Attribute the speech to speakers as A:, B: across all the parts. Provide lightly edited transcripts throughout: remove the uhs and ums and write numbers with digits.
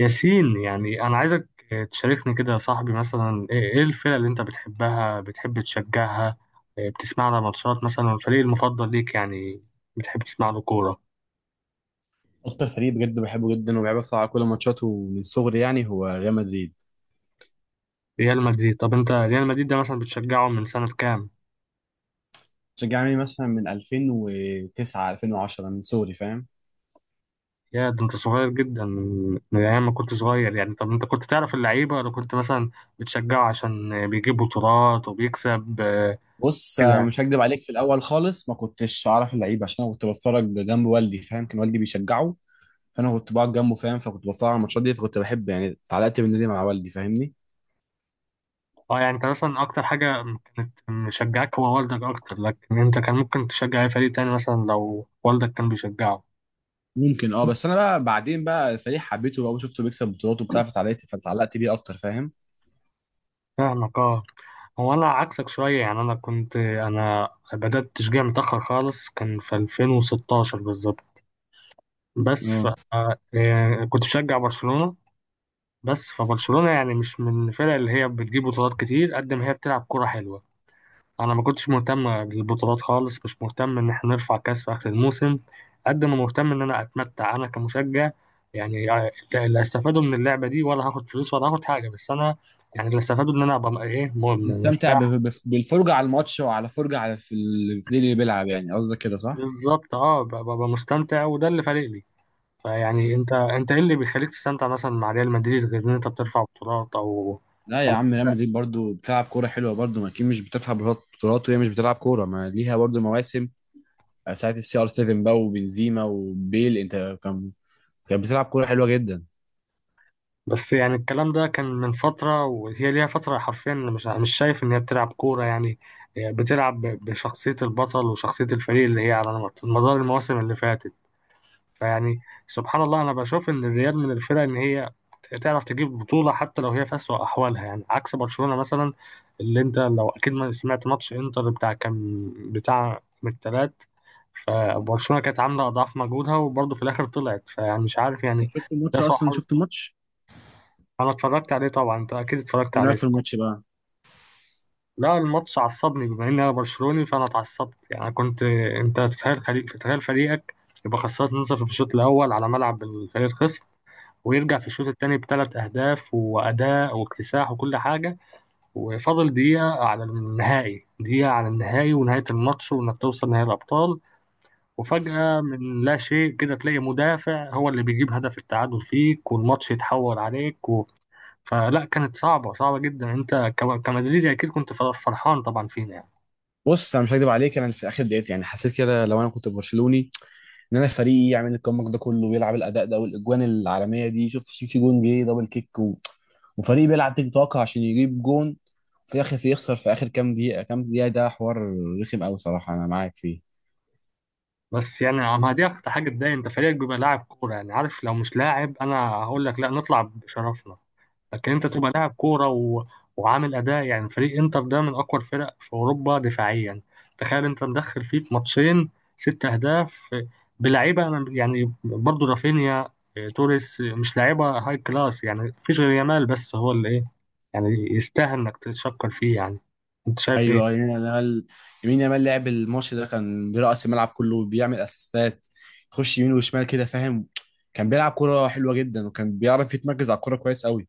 A: ياسين يعني أنا عايزك تشاركني كده يا صاحبي، مثلا إيه الفرق اللي أنت بتحبها، بتحب تشجعها، إيه بتسمع لها ماتشات مثلا، والفريق المفضل ليك يعني بتحب تسمع له كورة.
B: اكتر فريق بجد بحبه جدا وبحب اتفرج على كل ماتشاته من صغري يعني هو ريال مدريد.
A: ريال مدريد. طب أنت ريال مدريد ده مثلا بتشجعه من سنة كام؟
B: بشجع يعني مثلا من 2009 2010 من صغري، فاهم.
A: يا ده أنت صغير جدا، من أيام ما كنت صغير يعني. طب أنت كنت تعرف اللعيبة ولا كنت مثلا بتشجعه عشان بيجيب بطولات وبيكسب؟
B: بص،
A: كده.
B: مش هكدب عليك، في الاول خالص ما كنتش اعرف اللعيبه عشان انا كنت بتفرج جنب والدي، فاهم. كان والدي بيشجعه، فانا كنت بقعد جنبه، فاهم. فكنت بتفرج على الماتشات دي، فكنت بحب يعني اتعلقت بالنادي مع والدي، فاهمني.
A: اه يعني انت مثلا اكتر حاجة كانت مشجعك هو والدك اكتر، لكن انت كان ممكن تشجع اي فريق تاني مثلا لو والدك كان بيشجعه.
B: ممكن، اه، بس انا بقى بعدين بقى الفريق حبيته بقى وشفته بيكسب بطولات وبتاع، فتعلقت بيه اكتر، فاهم.
A: فاهمك اه. هو انا عكسك شوية يعني، انا كنت انا بدأت تشجيع متأخر خالص، كان في 2016 بالظبط. بس ف
B: اه.
A: آه، يعني كنت بشجع برشلونة. بس فبرشلونة يعني مش من الفرق اللي هي بتجيب بطولات كتير قد ما هي بتلعب كرة حلوة. انا ما كنتش مهتم بالبطولات خالص، مش مهتم ان احنا نرفع كاس في اخر الموسم قد ما مهتم ان انا اتمتع انا كمشجع. يعني لا، لا استفادوا من اللعبه دي ولا هاخد فلوس ولا هاخد حاجه، بس انا يعني اللي استفادوا ان انا ابقى
B: نستمتع
A: مرتاح.
B: بالفرجة على الماتش وعلى فرجة على في الفريق اللي بيلعب، يعني قصدك كده، صح؟
A: بالظبط اه، ببقى مستمتع وده اللي فارق لي. فيعني انت ايه اللي بيخليك تستمتع مثلا مع ريال مدريد، غير ان انت بترفع بطولات او
B: لا يا
A: يعني؟
B: عم، ريال مدريد برضو بتلعب كورة حلوة، برضو، ما أكيد مش بتفهم بطولات وهي مش بتلعب كورة، ما ليها برضو مواسم. ساعة السي ار 7 بقى وبنزيما وبيل أنت كانت بتلعب كورة حلوة جدا.
A: بس يعني الكلام ده كان من فترة، وهي ليها فترة حرفيا مش شايف إن هي بتلعب كورة يعني. هي بتلعب بشخصية البطل وشخصية الفريق اللي هي على مدار المواسم اللي فاتت. فيعني سبحان الله، أنا بشوف إن الريال من الفرق إن هي تعرف تجيب بطولة حتى لو هي في أسوأ أحوالها، يعني عكس برشلونة مثلا، اللي أنت لو أكيد ما سمعت ماتش إنتر بتاع، كان بتاع من التلات. فبرشلونة كانت عاملة أضعاف مجهودها وبرضه في الآخر طلعت، فيعني مش عارف يعني.
B: شفت
A: ده
B: الماتش
A: سوء
B: أصلا؟
A: حظ.
B: شفت الماتش؟
A: انا اتفرجت عليه طبعا، انت اكيد اتفرجت
B: إيه
A: عليه
B: رأيك في
A: صح؟
B: الماتش بقى؟
A: لا، الماتش عصبني بما اني انا برشلوني فانا اتعصبت يعني. كنت انت تتخيل فريق، تتخيل فريقك يبقى خسران 2-0 في الشوط الاول على ملعب الفريق الخصم، ويرجع في الشوط الثاني بثلاث اهداف واداء واكتساح وكل حاجه، وفاضل دقيقه على النهائي، دقيقه على النهائي ونهايه الماتش وانك توصل نهائي الابطال. وفجأة من لا شيء كده تلاقي مدافع هو اللي بيجيب هدف التعادل فيك والماتش يتحول عليك. فلا، كانت صعبة، صعبة جدا. انت كمدريدي اكيد كنت فرحان طبعا فينا يعني.
B: بص، أنا مش هكدب عليك، أنا في آخر دقيقة يعني حسيت كده، لو أنا كنت برشلوني ان انا فريقي يعمل الكومباك ده كله ويلعب الاداء ده والاجوان العالميه دي. شفت في جون جه دبل كيك و... وفريق بيلعب تيك توك عشان يجيب جون في الاخر يخسر في اخر كام دقيقه كام دقيقه، ده حوار رخم قوي صراحه، انا معاك فيه.
A: بس يعني ما دي اكتر حاجة تضايق، انت فريقك بيبقى لاعب كورة يعني، عارف لو مش لاعب انا هقول لك لا نطلع بشرفنا، لكن انت تبقى لاعب كوره و... وعامل اداء يعني. فريق انتر ده من اقوى الفرق في اوروبا دفاعيا، تخيل انت مدخل فيه في ماتشين ست اهداف بلعيبه انا يعني، برضو رافينيا، اه، توريس، مش لعيبه هاي كلاس يعني، مفيش غير يامال بس هو اللي ايه يعني يستاهل انك تتشكر فيه يعني. انت شايف ايه؟
B: ايوه، يمين يامال لعب الماتش ده، كان برأس الملعب كله بيعمل اسيستات، يخش يمين وشمال كده، فاهم. كان بيلعب كرة حلوة جدا وكان بيعرف يتمركز على الكرة كويس قوي.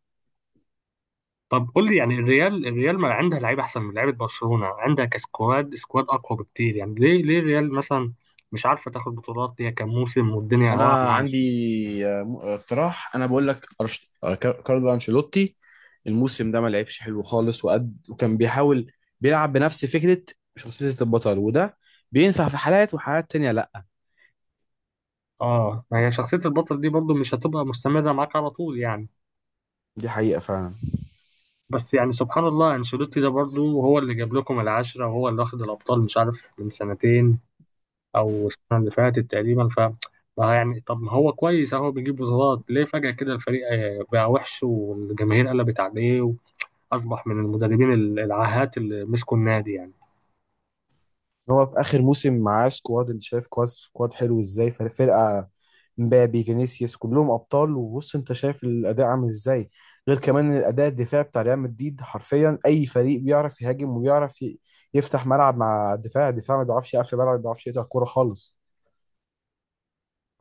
A: طب قول لي يعني، الريال، الريال ما عندها لعيبه احسن من لعيبه برشلونه، عندها كسكواد سكواد اقوى بكتير، يعني ليه ليه الريال مثلا مش عارفه تاخد بطولات؟ هي كام موسم والدنيا واقعه
B: انا
A: معاها.
B: عندي، اقتراح، انا بقول لك، كارلو انشيلوتي الموسم ده ما لعبش حلو خالص، وكان بيحاول بيلعب بنفس فكرة شخصية البطل، وده بينفع في حالات، وحالات تانية لا.
A: اه ما هي شخصية البطل دي برضو مش هتبقى مستمرة معاك على طول يعني.
B: دي حقيقة فعلا.
A: بس يعني سبحان الله، انشيلوتي ده برضو هو اللي جاب لكم العشرة، وهو اللي واخد الأبطال مش عارف من سنتين أو السنة اللي فاتت تقريبا. ف ما يعني طب ما هو كويس، اهو بيجيب بطولات. ليه فجأة كده الفريق بقى وحش والجماهير قلبت عليه، وأصبح من المدربين العاهات اللي مسكوا النادي يعني؟
B: هو في اخر موسم معاه سكواد، انت شايف كواس سكواد حلو ازاي، فرقه مبابي فينيسيوس كلهم ابطال. وبص انت شايف الاداء عامل ازاي، غير كمان الاداء الدفاعي بتاع ريال مدريد. حرفيا اي فريق بيعرف يهاجم وبيعرف يفتح ملعب مع الدفاع ما بيعرفش يقفل ملعب، ما بيعرفش يقطع كوره خالص.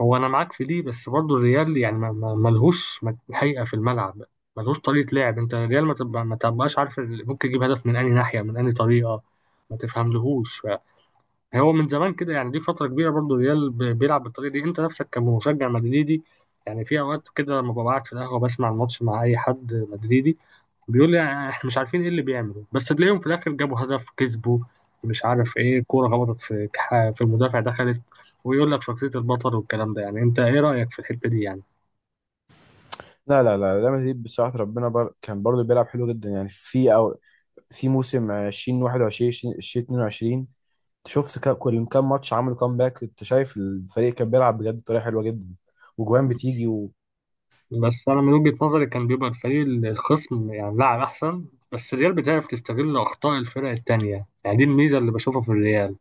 A: هو انا معاك في دي، بس برضو الريال يعني ملهوش حقيقه في الملعب، ملهوش طريقه لعب. انت الريال ما تبقاش عارف، ممكن يجيب هدف من اي ناحيه من اي طريقه، ما تفهملهوش. هو من زمان كده يعني، دي فتره كبيره برضو الريال بيلعب بالطريقه دي. انت نفسك كمشجع مدريدي يعني، في اوقات كده لما ببقى قاعد في القهوه بسمع الماتش مع اي حد مدريدي بيقول لي احنا مش عارفين ايه اللي بيعمله، بس تلاقيهم في الاخر جابوا هدف كسبوا مش عارف ايه، كورة خبطت في في المدافع دخلت، ويقول لك شخصية البطل والكلام ده يعني. انت ايه رأيك في الحتة دي يعني؟
B: لا لا لا، ريال مدريد بصراحه، كان برضه بيلعب حلو جدا يعني، في او في موسم 2021 2022 شفت كل كام ماتش عملوا كامباك، كنت شايف الفريق كان بيلعب بجد بطريقه حلوه جدا وجوان بتيجي و...
A: بس انا من وجهة نظري كان بيبقى الفريق الخصم يعني لاعب احسن، بس الريال بتعرف تستغل اخطاء الفرق التانية يعني، دي الميزة اللي بشوفها في الريال.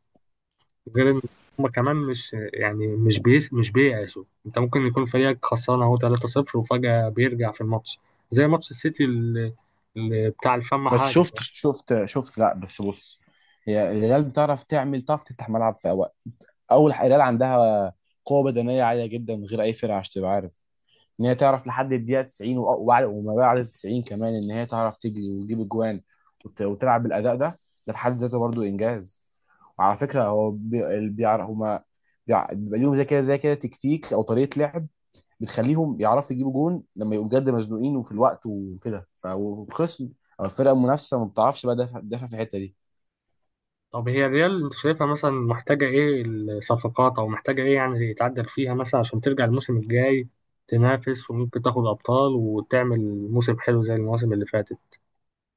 A: غير ان هما كمان مش يعني مش بييأسوا، انت ممكن يكون فريقك خسران اهو 3-0 وفجأة بيرجع في الماتش، زي ماتش السيتي اللي اللي بتاع الفم
B: بس
A: حاجة.
B: شفت، لا بس بص، هي الهلال بتعرف تعمل، تعرف تفتح ملعب في اوقات. اول حاجة الهلال عندها قوه بدنيه عاليه جدا، غير اي فرقه، عشان تبقى عارف ان هي تعرف لحد الدقيقه 90 وما بعد 90 كمان، ان هي تعرف تجري وتجيب اجوان وتلعب بالاداء ده. ده في حد ذاته برضو انجاز. وعلى فكره، هو اللي بيعرف هما، بيبقى ليهم زي كده زي كده تكتيك او طريقه لعب بتخليهم يعرفوا يجيبوا جون لما يبقوا بجد مزنوقين وفي الوقت وكده، فالخصم او الفرقه المنافسه ما بتعرفش بقى، دافع دافع في الحته دي.
A: طب هي الريال انت شايفها مثلا محتاجة ايه؟ الصفقات او محتاجة ايه يعني يتعدل فيها مثلا عشان ترجع الموسم الجاي تنافس وممكن تاخد ابطال وتعمل موسم حلو زي المواسم اللي فاتت.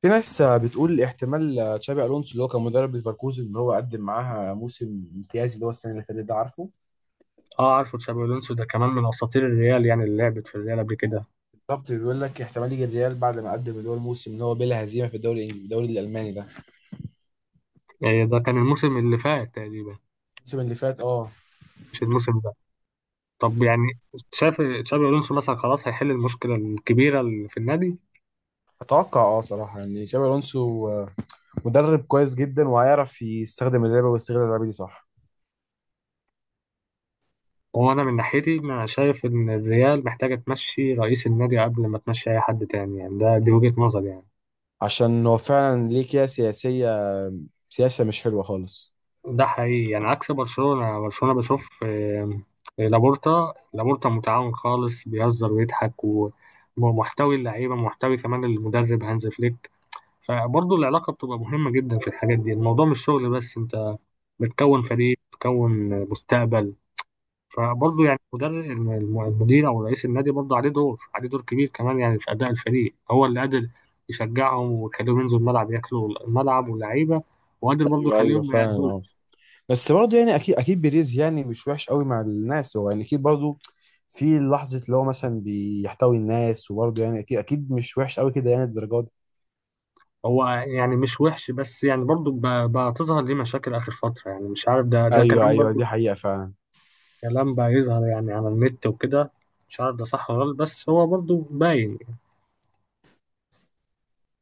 B: في ناس بتقول احتمال تشابي الونسو اللي هو كان مدرب ليفركوزن ان هو قدم معاها موسم امتيازي، اللي هو السنه اللي فاتت ده، عارفه؟
A: اه عارفه، تشابي الونسو ده كمان من اساطير الريال يعني، اللي لعبت في الريال قبل كده.
B: بالظبط، بيقول لك احتمال يجي الريال بعد ما قدم، اللي هو الموسم اللي هو بلا هزيمه في الدوري الالماني ده.
A: يعني ده كان الموسم اللي فات تقريبا،
B: الموسم اللي فات، اه.
A: مش الموسم ده. طب يعني شايف تشابي الونسو مثلا خلاص هيحل المشكلة الكبيرة اللي في النادي؟
B: اتوقع، صراحه يعني تشابي الونسو، مدرب كويس جدا وهيعرف يستخدم اللعبه ويستغل اللعبه دي، صح.
A: هو انا من ناحيتي انا شايف ان الريال محتاجة تمشي رئيس النادي قبل ما تمشي اي حد تاني يعني، ده دي وجهة نظري يعني.
B: عشان هو فعلا ليه كده، سياسه مش حلوه خالص.
A: ده حقيقي يعني، عكس برشلونة. برشلونة بشوف لابورتا، لابورتا متعاون خالص، بيهزر ويضحك، ومحتوي اللعيبة، محتوي كمان المدرب هانز فليك. فبرضه العلاقة بتبقى مهمة جدا في الحاجات دي، الموضوع مش شغل بس، انت بتكون فريق بتكون مستقبل. فبرضه يعني المدرب المدير او رئيس النادي برضه عليه دور، عليه دور كبير كمان يعني في اداء الفريق، هو اللي قادر يشجعهم ويخليهم ينزلوا الملعب ياكلوا الملعب واللعيبة، وقادر برضه
B: ايوه ايوه
A: يخليهم ما
B: فعلا، اه.
A: يأدوش.
B: بس برضه يعني، اكيد اكيد بيريز يعني مش وحش قوي مع الناس، هو يعني اكيد برضه في لحظه اللي هو مثلا بيحتوي الناس، وبرضه يعني اكيد اكيد مش وحش قوي كده يعني الدرجات دي.
A: هو يعني مش وحش، بس يعني برضو بقى تظهر ليه مشاكل آخر فترة، يعني مش عارف، ده
B: ايوه
A: كلام
B: ايوه، دي
A: برضو،
B: حقيقه فعلا.
A: كلام بقى يظهر يعني على النت وكده، مش عارف ده صح ولا غلط، بس هو برضو باين.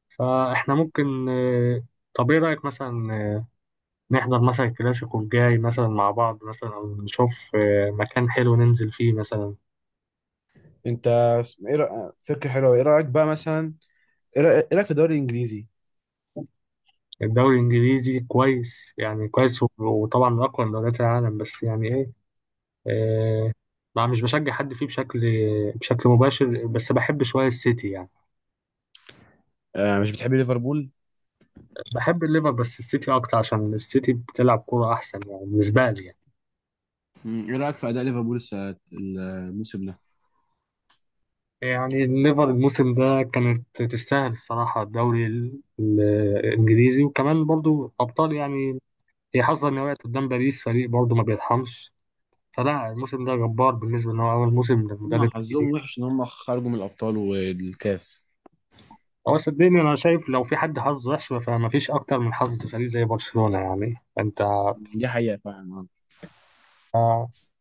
A: فإحنا ممكن، طب إيه رأيك مثلا، نحضر مثلا الكلاسيكو الجاي مثلا مع بعض مثلا، أو نشوف مكان حلو ننزل فيه مثلا.
B: انت، فكره حلوه، ايه رايك بقى مثلا؟ إيه رايك في الدوري الانجليزي؟
A: الدوري الإنجليزي كويس يعني، كويس وطبعا من أقوى دوريات العالم، بس يعني إيه آه، ما مش بشجع حد فيه بشكل مباشر، بس بحب شوية السيتي يعني.
B: آه، مش بتحب ليفربول؟
A: بحب الليفر بس السيتي أكتر عشان السيتي بتلعب كورة أحسن يعني، بالنسبة لي يعني.
B: ايه رايك في اداء ليفربول الموسم ده؟
A: يعني الليفر الموسم ده كانت تستاهل الصراحة الدوري الإنجليزي وكمان برضو أبطال يعني، هي حظها إن هي وقعت قدام باريس، فريق برضو ما بيرحمش. فلا الموسم ده جبار بالنسبة إن هو أول موسم
B: هم
A: للمدرب
B: حظهم
A: الجديد.
B: وحش ان هم خرجوا من الابطال والكاس.
A: هو صدقني أنا شايف لو في حد حظه وحش فما فيش أكتر من حظ فريق زي برشلونة يعني أنت.
B: دي حقيقه فعلا، آه.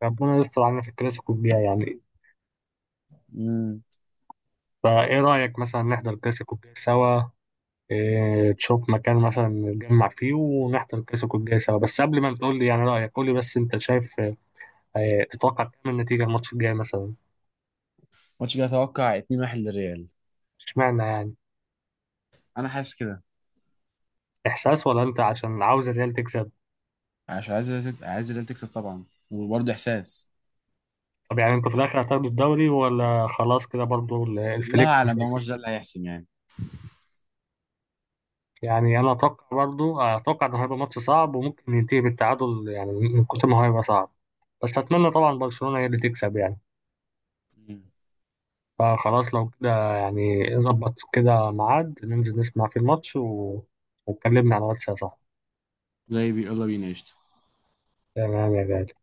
A: ربنا يستر علينا في الكلاسيكو الجاي يعني.
B: مم.
A: فايه رأيك مثلا نحضر الكلاسيكو الجاي سوا؟ إيه تشوف مكان مثلا نتجمع فيه ونحضر الكلاسيكو الجاي سوا، بس قبل ما تقول لي يعني رأيك قول لي بس انت شايف إيه، تتوقع كام النتيجة الماتش الجاي مثلا؟
B: ماتش كده اتوقع 2-1 للريال.
A: اشمعنى يعني؟
B: انا حاسس كده.
A: احساس ولا انت عشان عاوز الريال تكسب؟
B: عشان عايز الريال، تكسب طبعا. وبرضه احساس.
A: طب يعني انتوا في الاخر هتاخدوا الدوري ولا خلاص كده برضو
B: الله
A: الفليك مش
B: اعلم بقى، الماتش
A: هيسيب؟
B: ده اللي هيحسم يعني.
A: يعني انا اتوقع برضو، اتوقع انه هيبقى ماتش صعب وممكن ينتهي بالتعادل يعني من كتر ما هو هيبقى صعب، بس اتمنى طبعا برشلونة هي اللي تكسب يعني.
B: مم.
A: فخلاص لو كده يعني، ظبط كده ميعاد ننزل نسمع فيه الماتش و... واتكلمنا على الواتس يا صاحبي.
B: زي بي، يلا بينا قشطة.
A: تمام يا غالي.